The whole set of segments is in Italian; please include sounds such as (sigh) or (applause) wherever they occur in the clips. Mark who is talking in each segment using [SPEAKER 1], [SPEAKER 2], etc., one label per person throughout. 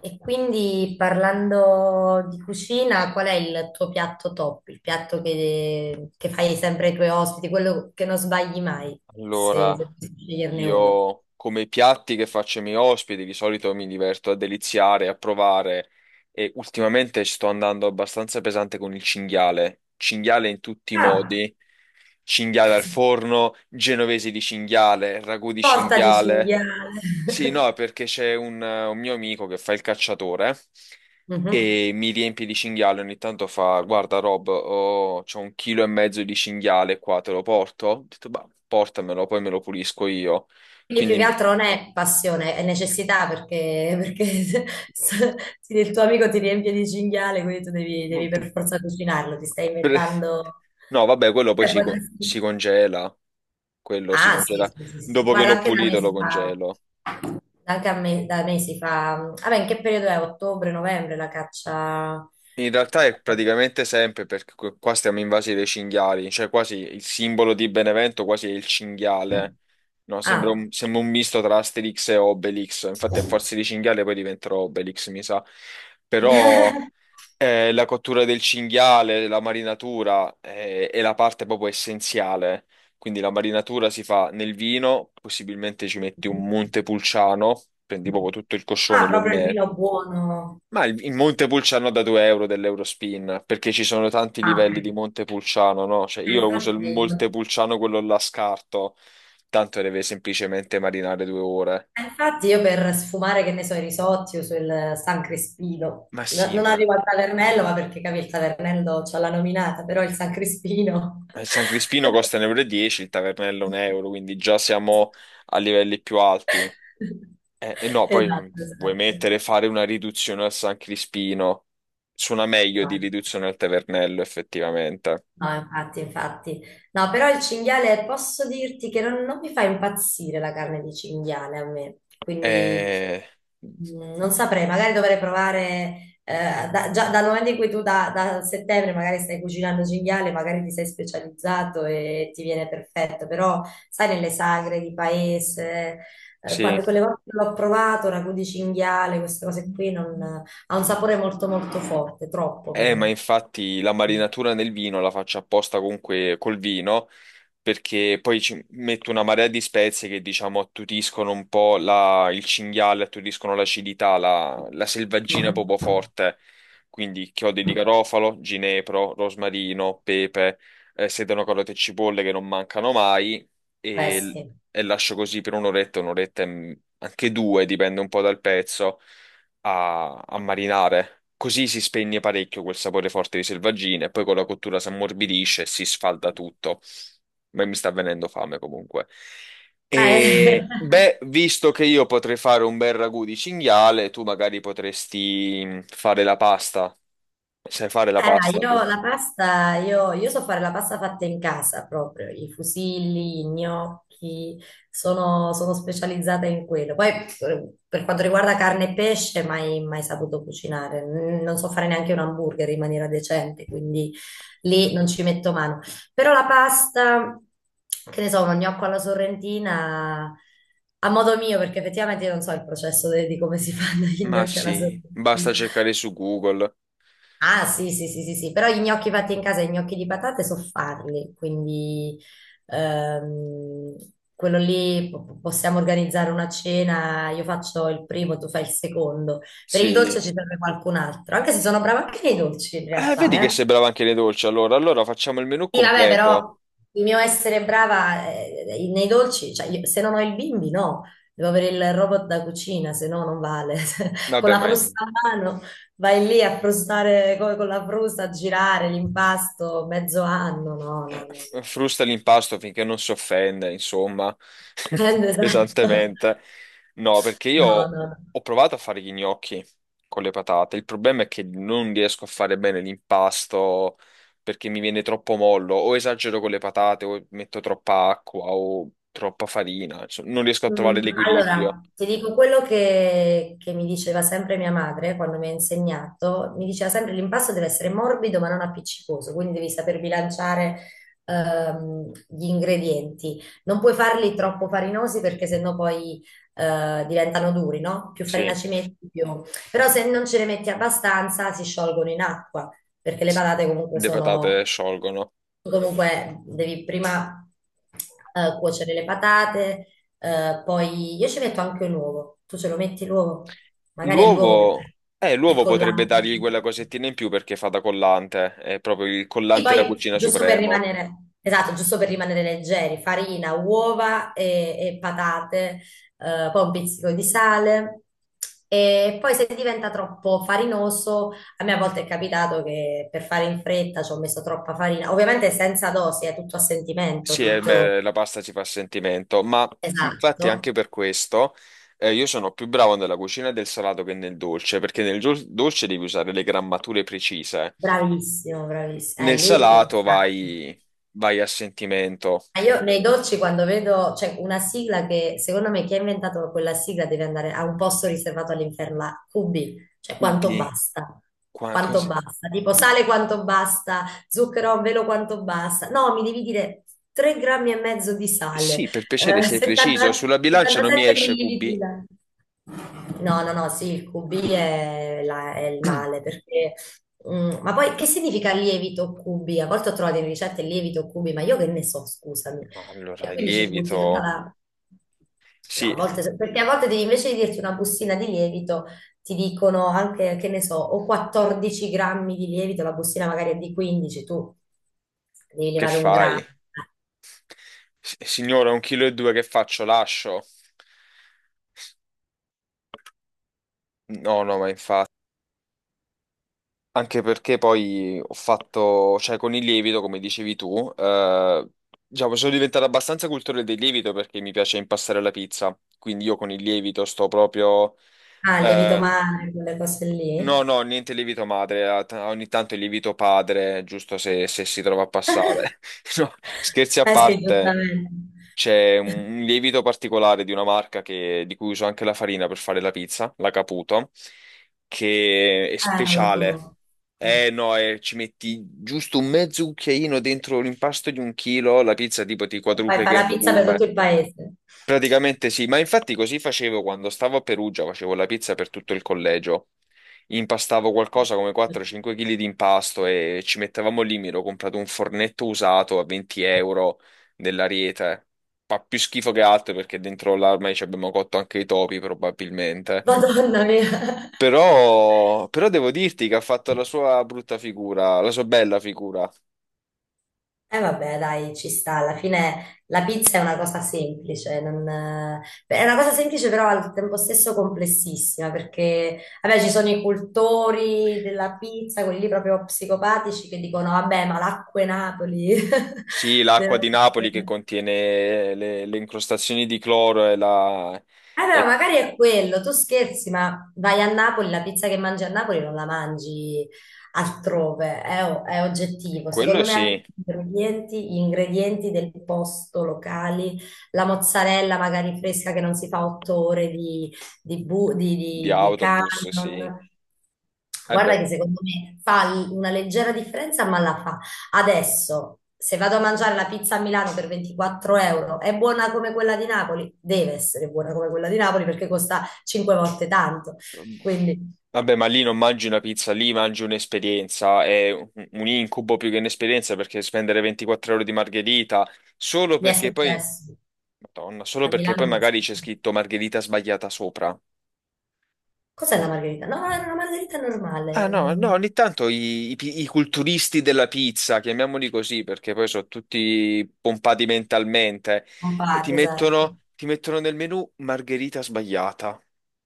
[SPEAKER 1] E quindi parlando di cucina, qual è il tuo piatto top? Il piatto che fai sempre ai tuoi ospiti, quello che non sbagli mai, se,
[SPEAKER 2] Allora,
[SPEAKER 1] se devi sceglierne uno.
[SPEAKER 2] io come i piatti che faccio ai miei ospiti di solito mi diverto a deliziare, a provare e ultimamente sto andando abbastanza pesante con il cinghiale. Cinghiale in tutti i
[SPEAKER 1] Ah,
[SPEAKER 2] modi, cinghiale al forno, genovesi di cinghiale, ragù di
[SPEAKER 1] torta di
[SPEAKER 2] cinghiale.
[SPEAKER 1] cinghiale.
[SPEAKER 2] Sì,
[SPEAKER 1] (laughs)
[SPEAKER 2] no, perché c'è un mio amico che fa il cacciatore
[SPEAKER 1] Mhm.
[SPEAKER 2] e mi riempie di cinghiale. Ogni tanto fa: Guarda, Rob, c'ho 1,5 kg di cinghiale qua, te lo porto? Ho detto, bah, portamelo, poi me lo pulisco io.
[SPEAKER 1] Quindi più che
[SPEAKER 2] Quindi,
[SPEAKER 1] altro non è passione, è necessità perché (laughs) se il tuo amico ti riempie di cinghiale, quindi tu devi per forza cucinarlo, ti stai
[SPEAKER 2] per-
[SPEAKER 1] inventando...
[SPEAKER 2] no, vabbè, quello poi
[SPEAKER 1] eh,
[SPEAKER 2] si, si
[SPEAKER 1] potresti-
[SPEAKER 2] congela. Quello si
[SPEAKER 1] Ah, sì,
[SPEAKER 2] congela
[SPEAKER 1] sì, sì, sì.
[SPEAKER 2] dopo che
[SPEAKER 1] Guarda,
[SPEAKER 2] l'ho
[SPEAKER 1] anche da me
[SPEAKER 2] pulito, lo
[SPEAKER 1] si fa,
[SPEAKER 2] congelo.
[SPEAKER 1] anche a me, da me si fa, vabbè, in che periodo è? Ottobre, novembre la caccia?
[SPEAKER 2] In realtà è praticamente sempre perché qua stiamo invasi dei cinghiali, cioè quasi il simbolo di Benevento quasi è il cinghiale, no?
[SPEAKER 1] Ah,
[SPEAKER 2] Sembra un misto tra Asterix e Obelix, infatti a forza di cinghiale poi diventerò Obelix, mi sa. Però
[SPEAKER 1] (laughs)
[SPEAKER 2] la cottura del cinghiale, la marinatura è la parte proprio essenziale, quindi la marinatura si fa nel vino, possibilmente ci metti un Montepulciano, prendi proprio tutto il coscione,
[SPEAKER 1] ah,
[SPEAKER 2] lo
[SPEAKER 1] proprio il
[SPEAKER 2] immergi
[SPEAKER 1] vino buono.
[SPEAKER 2] ma in Montepulciano da 2 euro dell'Eurospin, perché ci sono tanti
[SPEAKER 1] Ah,
[SPEAKER 2] livelli di
[SPEAKER 1] ok.
[SPEAKER 2] Montepulciano, no? Cioè
[SPEAKER 1] E
[SPEAKER 2] io uso il
[SPEAKER 1] Infatti, e
[SPEAKER 2] Montepulciano, quello là scarto, tanto deve semplicemente marinare 2 ore.
[SPEAKER 1] infatti io per sfumare, che ne so, i risotti uso il San Crispino.
[SPEAKER 2] Ma sì,
[SPEAKER 1] Non
[SPEAKER 2] ma
[SPEAKER 1] arrivo al Tavernello, ma perché capi, il Tavernello c'ha la nominata, però il San Crispino.
[SPEAKER 2] il San Crispino costa 1,10 euro, e dieci, il Tavernello 1 euro,
[SPEAKER 1] (laughs)
[SPEAKER 2] quindi già siamo a livelli più alti.
[SPEAKER 1] (laughs)
[SPEAKER 2] E, no, poi
[SPEAKER 1] Esatto,
[SPEAKER 2] vuoi
[SPEAKER 1] esatto.
[SPEAKER 2] mettere, fare una riduzione al San Crispino, suona meglio di
[SPEAKER 1] Male.
[SPEAKER 2] riduzione al Tavernello, effettivamente.
[SPEAKER 1] No, infatti, infatti. No, però il cinghiale, posso dirti che non mi fa impazzire la carne di cinghiale a me, quindi
[SPEAKER 2] Eh,
[SPEAKER 1] non saprei, magari dovrei provare, già dal momento in cui tu da settembre magari stai cucinando cinghiale, magari ti sei specializzato e ti viene perfetto, però sai, nelle sagre di paese,
[SPEAKER 2] sì.
[SPEAKER 1] quando quelle volte che l'ho provato, ragù di cinghiale, queste cose qui, ha un sapore molto molto forte, troppo per
[SPEAKER 2] Ma
[SPEAKER 1] me.
[SPEAKER 2] infatti la marinatura nel vino la faccio apposta comunque col vino, perché poi ci metto una marea di spezie che diciamo attutiscono un po' il cinghiale, attutiscono l'acidità, la selvaggina proprio
[SPEAKER 1] Mhm.
[SPEAKER 2] forte. Quindi chiodi di garofalo, ginepro, rosmarino, pepe, sedano, carote e cipolle che non mancano mai
[SPEAKER 1] Beh,
[SPEAKER 2] e,
[SPEAKER 1] sì.
[SPEAKER 2] e lascio così per un'oretta, un'oretta anche due, dipende un po' dal pezzo a marinare. Così si spegne parecchio quel sapore forte di selvaggina e poi con la cottura si ammorbidisce e si sfalda tutto. Ma mi sta venendo fame comunque.
[SPEAKER 1] Eh, (laughs)
[SPEAKER 2] E beh, visto che io potrei fare un bel ragù di cinghiale, tu magari potresti fare la pasta. Sai fare la
[SPEAKER 1] dai,
[SPEAKER 2] pasta tu?
[SPEAKER 1] io la pasta, io so fare la pasta fatta in casa proprio, i fusilli, i gnocchi, sono specializzata in quello. Poi per quanto riguarda carne e pesce, mai, mai saputo cucinare. Non so fare neanche un hamburger in maniera decente, quindi lì non ci metto mano. Però la pasta, che ne so, uno gnocco alla sorrentina... A modo mio, perché effettivamente io non so il processo di come si (laughs) fanno gli
[SPEAKER 2] Ma
[SPEAKER 1] gnocchi alla
[SPEAKER 2] sì, basta
[SPEAKER 1] sorrentina.
[SPEAKER 2] cercare su Google.
[SPEAKER 1] Ah, sì, sì, sì, sì, sì, però gli gnocchi fatti in casa, i gnocchi di patate so farli, quindi ehm, quello lì possiamo organizzare una cena, io faccio il primo, tu fai il secondo. Per il dolce
[SPEAKER 2] Sì.
[SPEAKER 1] ci serve qualcun altro, anche se sono brava anche nei dolci in
[SPEAKER 2] Vedi che
[SPEAKER 1] realtà, eh.
[SPEAKER 2] sei brava anche nei dolci, allora. Allora facciamo il menù
[SPEAKER 1] Sì, vabbè,
[SPEAKER 2] completo.
[SPEAKER 1] però il mio essere brava nei dolci, cioè se non ho il bimbi, no, devo avere il robot da cucina, se no non vale. (laughs) Con
[SPEAKER 2] Vabbè,
[SPEAKER 1] la
[SPEAKER 2] ma...
[SPEAKER 1] frusta a mano vai lì a frustare con la frusta, a girare l'impasto mezzo anno, no, no, no.
[SPEAKER 2] eh, frusta l'impasto finché non si offende, insomma, (laughs)
[SPEAKER 1] (laughs) no. Esatto.
[SPEAKER 2] pesantemente. No, perché io
[SPEAKER 1] No, no, no.
[SPEAKER 2] ho provato a fare gli gnocchi con le patate. Il problema è che non riesco a fare bene l'impasto perché mi viene troppo mollo, o esagero con le patate, o metto troppa acqua, o troppa farina. Insomma, non riesco a trovare l'equilibrio.
[SPEAKER 1] Allora, ti dico quello che mi diceva sempre mia madre quando mi ha insegnato, mi diceva sempre l'impasto deve essere morbido ma non appiccicoso, quindi devi saper bilanciare gli ingredienti. Non puoi farli troppo farinosi perché sennò poi diventano duri, no? Più farina
[SPEAKER 2] Sì,
[SPEAKER 1] ci metti, più... Però se non ce ne metti abbastanza si sciolgono in acqua, perché le
[SPEAKER 2] sì.
[SPEAKER 1] patate comunque
[SPEAKER 2] Le patate
[SPEAKER 1] sono...
[SPEAKER 2] sciolgono.
[SPEAKER 1] Tu comunque devi prima cuocere le patate, poi io ci metto anche l'uovo. Tu ce lo metti l'uovo? Magari è l'uovo che
[SPEAKER 2] L'uovo,
[SPEAKER 1] il
[SPEAKER 2] l'uovo potrebbe
[SPEAKER 1] collante.
[SPEAKER 2] dargli quella cosettina in più perché fa da collante, è proprio il
[SPEAKER 1] Sì,
[SPEAKER 2] collante da
[SPEAKER 1] poi
[SPEAKER 2] cucina
[SPEAKER 1] giusto per
[SPEAKER 2] supremo.
[SPEAKER 1] rimanere, esatto, giusto per rimanere leggeri, farina, uova e patate, poi un pizzico di sale. E poi se diventa troppo farinoso, a me a volte è capitato che per fare in fretta ci ho messo troppa farina, ovviamente senza dosi, è tutto a sentimento,
[SPEAKER 2] Sì,
[SPEAKER 1] tutto
[SPEAKER 2] beh, la pasta ci fa sentimento, ma infatti anche
[SPEAKER 1] esatto.
[SPEAKER 2] per questo io sono più bravo nella cucina del salato che nel dolce, perché nel dolce devi usare le grammature precise.
[SPEAKER 1] Bravissimo, bravissimo.
[SPEAKER 2] Nel
[SPEAKER 1] Lì non
[SPEAKER 2] salato
[SPEAKER 1] sa.
[SPEAKER 2] vai, vai a sentimento,
[SPEAKER 1] Ma io nei dolci quando vedo, c'è una sigla che secondo me chi ha inventato quella sigla deve andare a un posto riservato all'inferno, la QB, cioè
[SPEAKER 2] cubi, qua,
[SPEAKER 1] quanto
[SPEAKER 2] così.
[SPEAKER 1] basta, tipo sale quanto basta, zucchero a velo quanto basta, no, mi devi dire 3 grammi e mezzo di sale,
[SPEAKER 2] Sì, per piacere
[SPEAKER 1] (laughs)
[SPEAKER 2] sei preciso,
[SPEAKER 1] 70
[SPEAKER 2] sulla bilancia non mi
[SPEAKER 1] 77
[SPEAKER 2] esce
[SPEAKER 1] millilitri
[SPEAKER 2] cubi.
[SPEAKER 1] d'acqua. No, no, no, sì, il QB è il male perché... ma poi che significa lievito QB? A volte ho trovato in ricette lievito QB, ma io che ne so, scusami.
[SPEAKER 2] Ma
[SPEAKER 1] E
[SPEAKER 2] allora il
[SPEAKER 1] quindi ci butti tutta
[SPEAKER 2] lievito,
[SPEAKER 1] la... No,
[SPEAKER 2] sì.
[SPEAKER 1] a volte, perché a volte invece di dirti una bustina di lievito, ti dicono anche, che ne so, o 14 grammi di lievito, la bustina magari è di 15, tu devi
[SPEAKER 2] Che
[SPEAKER 1] levare un
[SPEAKER 2] fai?
[SPEAKER 1] grammo.
[SPEAKER 2] Signora, 1,2 kg che faccio? Lascio? No, no, ma infatti. Anche perché poi ho fatto, cioè con il lievito, come dicevi tu, diciamo, sono diventato abbastanza cultore del lievito perché mi piace impastare la pizza. Quindi io con il lievito sto proprio...
[SPEAKER 1] Ah, il lievito
[SPEAKER 2] eh,
[SPEAKER 1] madre, quelle cose
[SPEAKER 2] no,
[SPEAKER 1] lì.
[SPEAKER 2] no, niente lievito madre, ogni tanto il lievito padre, giusto se, se si trova a passare. (laughs) No, scherzi a
[SPEAKER 1] Eh sì,
[SPEAKER 2] parte.
[SPEAKER 1] giustamente.
[SPEAKER 2] C'è un lievito particolare di una marca di cui uso anche la farina per fare la pizza, la Caputo, che è
[SPEAKER 1] Non la
[SPEAKER 2] speciale.
[SPEAKER 1] conosco. Mm.
[SPEAKER 2] Eh no, ci metti giusto un mezzo cucchiaino dentro l'impasto di 1 kg, la pizza tipo ti
[SPEAKER 1] Fai
[SPEAKER 2] quadruplica
[SPEAKER 1] la
[SPEAKER 2] in
[SPEAKER 1] pizza per tutto
[SPEAKER 2] volume.
[SPEAKER 1] il paese.
[SPEAKER 2] Praticamente sì, ma infatti così facevo quando stavo a Perugia, facevo la pizza per tutto il collegio. Impastavo qualcosa come 4-5 kg di impasto e ci mettevamo lì, mi ero comprato un fornetto usato a 20 euro dell'Ariete. Fa più schifo che altro perché dentro l'armai ci abbiamo cotto anche i topi probabilmente.
[SPEAKER 1] Madonna mia. (laughs)
[SPEAKER 2] Però, però devo dirti che ha fatto la sua brutta figura, la sua bella figura.
[SPEAKER 1] E vabbè, dai, ci sta. Alla fine la pizza è una cosa semplice, è una cosa semplice però al tempo stesso complessissima, perché vabbè, ci sono i cultori della pizza, quelli lì proprio psicopatici che dicono, vabbè, ma l'acqua e Napoli
[SPEAKER 2] Sì,
[SPEAKER 1] (laughs)
[SPEAKER 2] l'acqua
[SPEAKER 1] deve
[SPEAKER 2] di Napoli che
[SPEAKER 1] essere.
[SPEAKER 2] contiene le incrostazioni di cloro e la...
[SPEAKER 1] Allora,
[SPEAKER 2] e
[SPEAKER 1] magari è quello, tu scherzi, ma vai a Napoli, la pizza che mangi a Napoli non la mangi altrove, è oggettivo.
[SPEAKER 2] quello
[SPEAKER 1] Secondo me anche
[SPEAKER 2] sì,
[SPEAKER 1] gli ingredienti del posto locali, la mozzarella magari fresca che non si fa otto ore di,
[SPEAKER 2] di
[SPEAKER 1] di
[SPEAKER 2] autobus sì.
[SPEAKER 1] camion.
[SPEAKER 2] Eh
[SPEAKER 1] Guarda
[SPEAKER 2] beh,
[SPEAKER 1] che secondo me fa una leggera differenza, ma la fa. Adesso, se vado a mangiare la pizza a Milano per 24 euro, è buona come quella di Napoli? Deve essere buona come quella di Napoli perché costa 5 volte tanto. Quindi
[SPEAKER 2] vabbè, ma lì non mangi una pizza, lì mangi un'esperienza, è un incubo più che un'esperienza perché spendere 24 ore di margherita solo
[SPEAKER 1] mi è
[SPEAKER 2] perché poi,
[SPEAKER 1] successo.
[SPEAKER 2] Madonna, solo
[SPEAKER 1] A
[SPEAKER 2] perché
[SPEAKER 1] Milano
[SPEAKER 2] poi
[SPEAKER 1] mi è
[SPEAKER 2] magari c'è
[SPEAKER 1] successo.
[SPEAKER 2] scritto margherita sbagliata sopra.
[SPEAKER 1] Cos'è la margherita? No, era una margherita
[SPEAKER 2] Ah
[SPEAKER 1] normale,
[SPEAKER 2] no, no, ogni tanto i i culturisti della pizza, chiamiamoli così perché poi sono tutti pompati mentalmente,
[SPEAKER 1] un
[SPEAKER 2] e
[SPEAKER 1] patty, esatto.
[SPEAKER 2] ti mettono nel menù margherita sbagliata.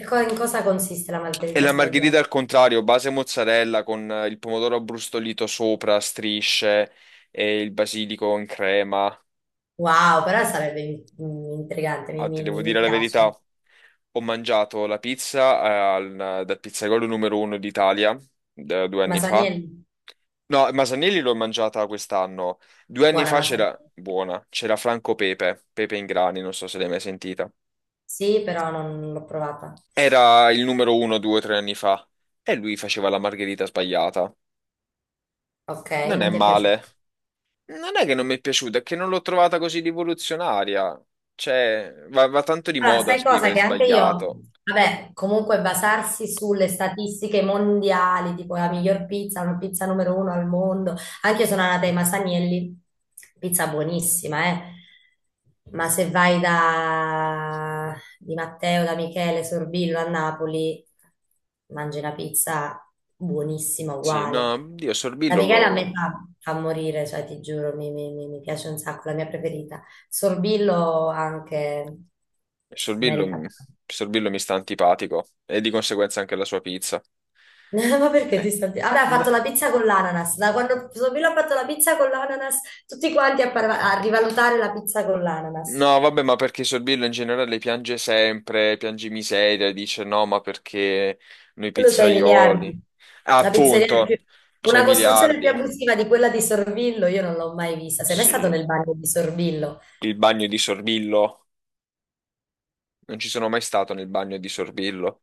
[SPEAKER 1] E in cosa consiste la
[SPEAKER 2] E
[SPEAKER 1] margherita
[SPEAKER 2] la
[SPEAKER 1] sbagliata?
[SPEAKER 2] margherita al contrario, base mozzarella con il pomodoro abbrustolito sopra, a strisce e il basilico in crema.
[SPEAKER 1] Wow, però sarebbe intrigante,
[SPEAKER 2] Ah, ti devo
[SPEAKER 1] mi
[SPEAKER 2] dire la verità,
[SPEAKER 1] piace.
[SPEAKER 2] ho mangiato la pizza dal pizzaiolo numero uno d'Italia da 2 anni fa.
[SPEAKER 1] Masaniello,
[SPEAKER 2] No, Masanelli l'ho mangiata quest'anno. Due anni
[SPEAKER 1] buona
[SPEAKER 2] fa c'era,
[SPEAKER 1] Masaniello.
[SPEAKER 2] buona, c'era Franco Pepe, Pepe in grani, non so se l'hai mai sentita.
[SPEAKER 1] Sì, però non l'ho provata.
[SPEAKER 2] Era il numero uno 2 o 3 anni fa e lui faceva la margherita sbagliata.
[SPEAKER 1] Ok,
[SPEAKER 2] Non è
[SPEAKER 1] non ti è piaciuta?
[SPEAKER 2] male. Non è che non mi è piaciuta, è che non l'ho trovata così rivoluzionaria. Cioè, va, va tanto di
[SPEAKER 1] Allora,
[SPEAKER 2] moda
[SPEAKER 1] sai cosa?
[SPEAKER 2] scrivere
[SPEAKER 1] Che anche io,
[SPEAKER 2] sbagliato.
[SPEAKER 1] vabbè, comunque basarsi sulle statistiche mondiali, tipo la miglior pizza, una pizza numero uno al mondo, anche io sono andata ai Masanielli, pizza buonissima, eh. Ma se vai da Di Matteo, da Michele, Sorbillo a Napoli, mangi una pizza buonissima,
[SPEAKER 2] Sì, no,
[SPEAKER 1] uguale.
[SPEAKER 2] Dio,
[SPEAKER 1] Da Michele a me fa morire, cioè ti giuro, mi piace un sacco, la mia preferita. Sorbillo anche
[SPEAKER 2] Sorbillo,
[SPEAKER 1] meritata.
[SPEAKER 2] Sorbillo mi sta antipatico e di conseguenza anche la sua pizza.
[SPEAKER 1] (laughs) Ma perché ti
[SPEAKER 2] Eh.
[SPEAKER 1] stai... Vabbè, ha fatto la pizza con l'ananas. Da quando Sorbillo ha fatto la pizza con l'ananas, tutti quanti a rivalutare la pizza con l'ananas.
[SPEAKER 2] No, vabbè, ma perché Sorbillo in generale piange sempre, piange miseria, dice no, ma perché noi
[SPEAKER 1] Quello c'ha i miliardi.
[SPEAKER 2] pizzaioli? Ah,
[SPEAKER 1] La pizzeria
[SPEAKER 2] appunto,
[SPEAKER 1] più...
[SPEAKER 2] c'è
[SPEAKER 1] Una costruzione più
[SPEAKER 2] miliardi.
[SPEAKER 1] abusiva di quella di Sorbillo, io non l'ho mai vista. Sei mai stato
[SPEAKER 2] Sì,
[SPEAKER 1] nel bagno di Sorbillo?
[SPEAKER 2] il bagno di Sorbillo. Non ci sono mai stato nel bagno di Sorbillo.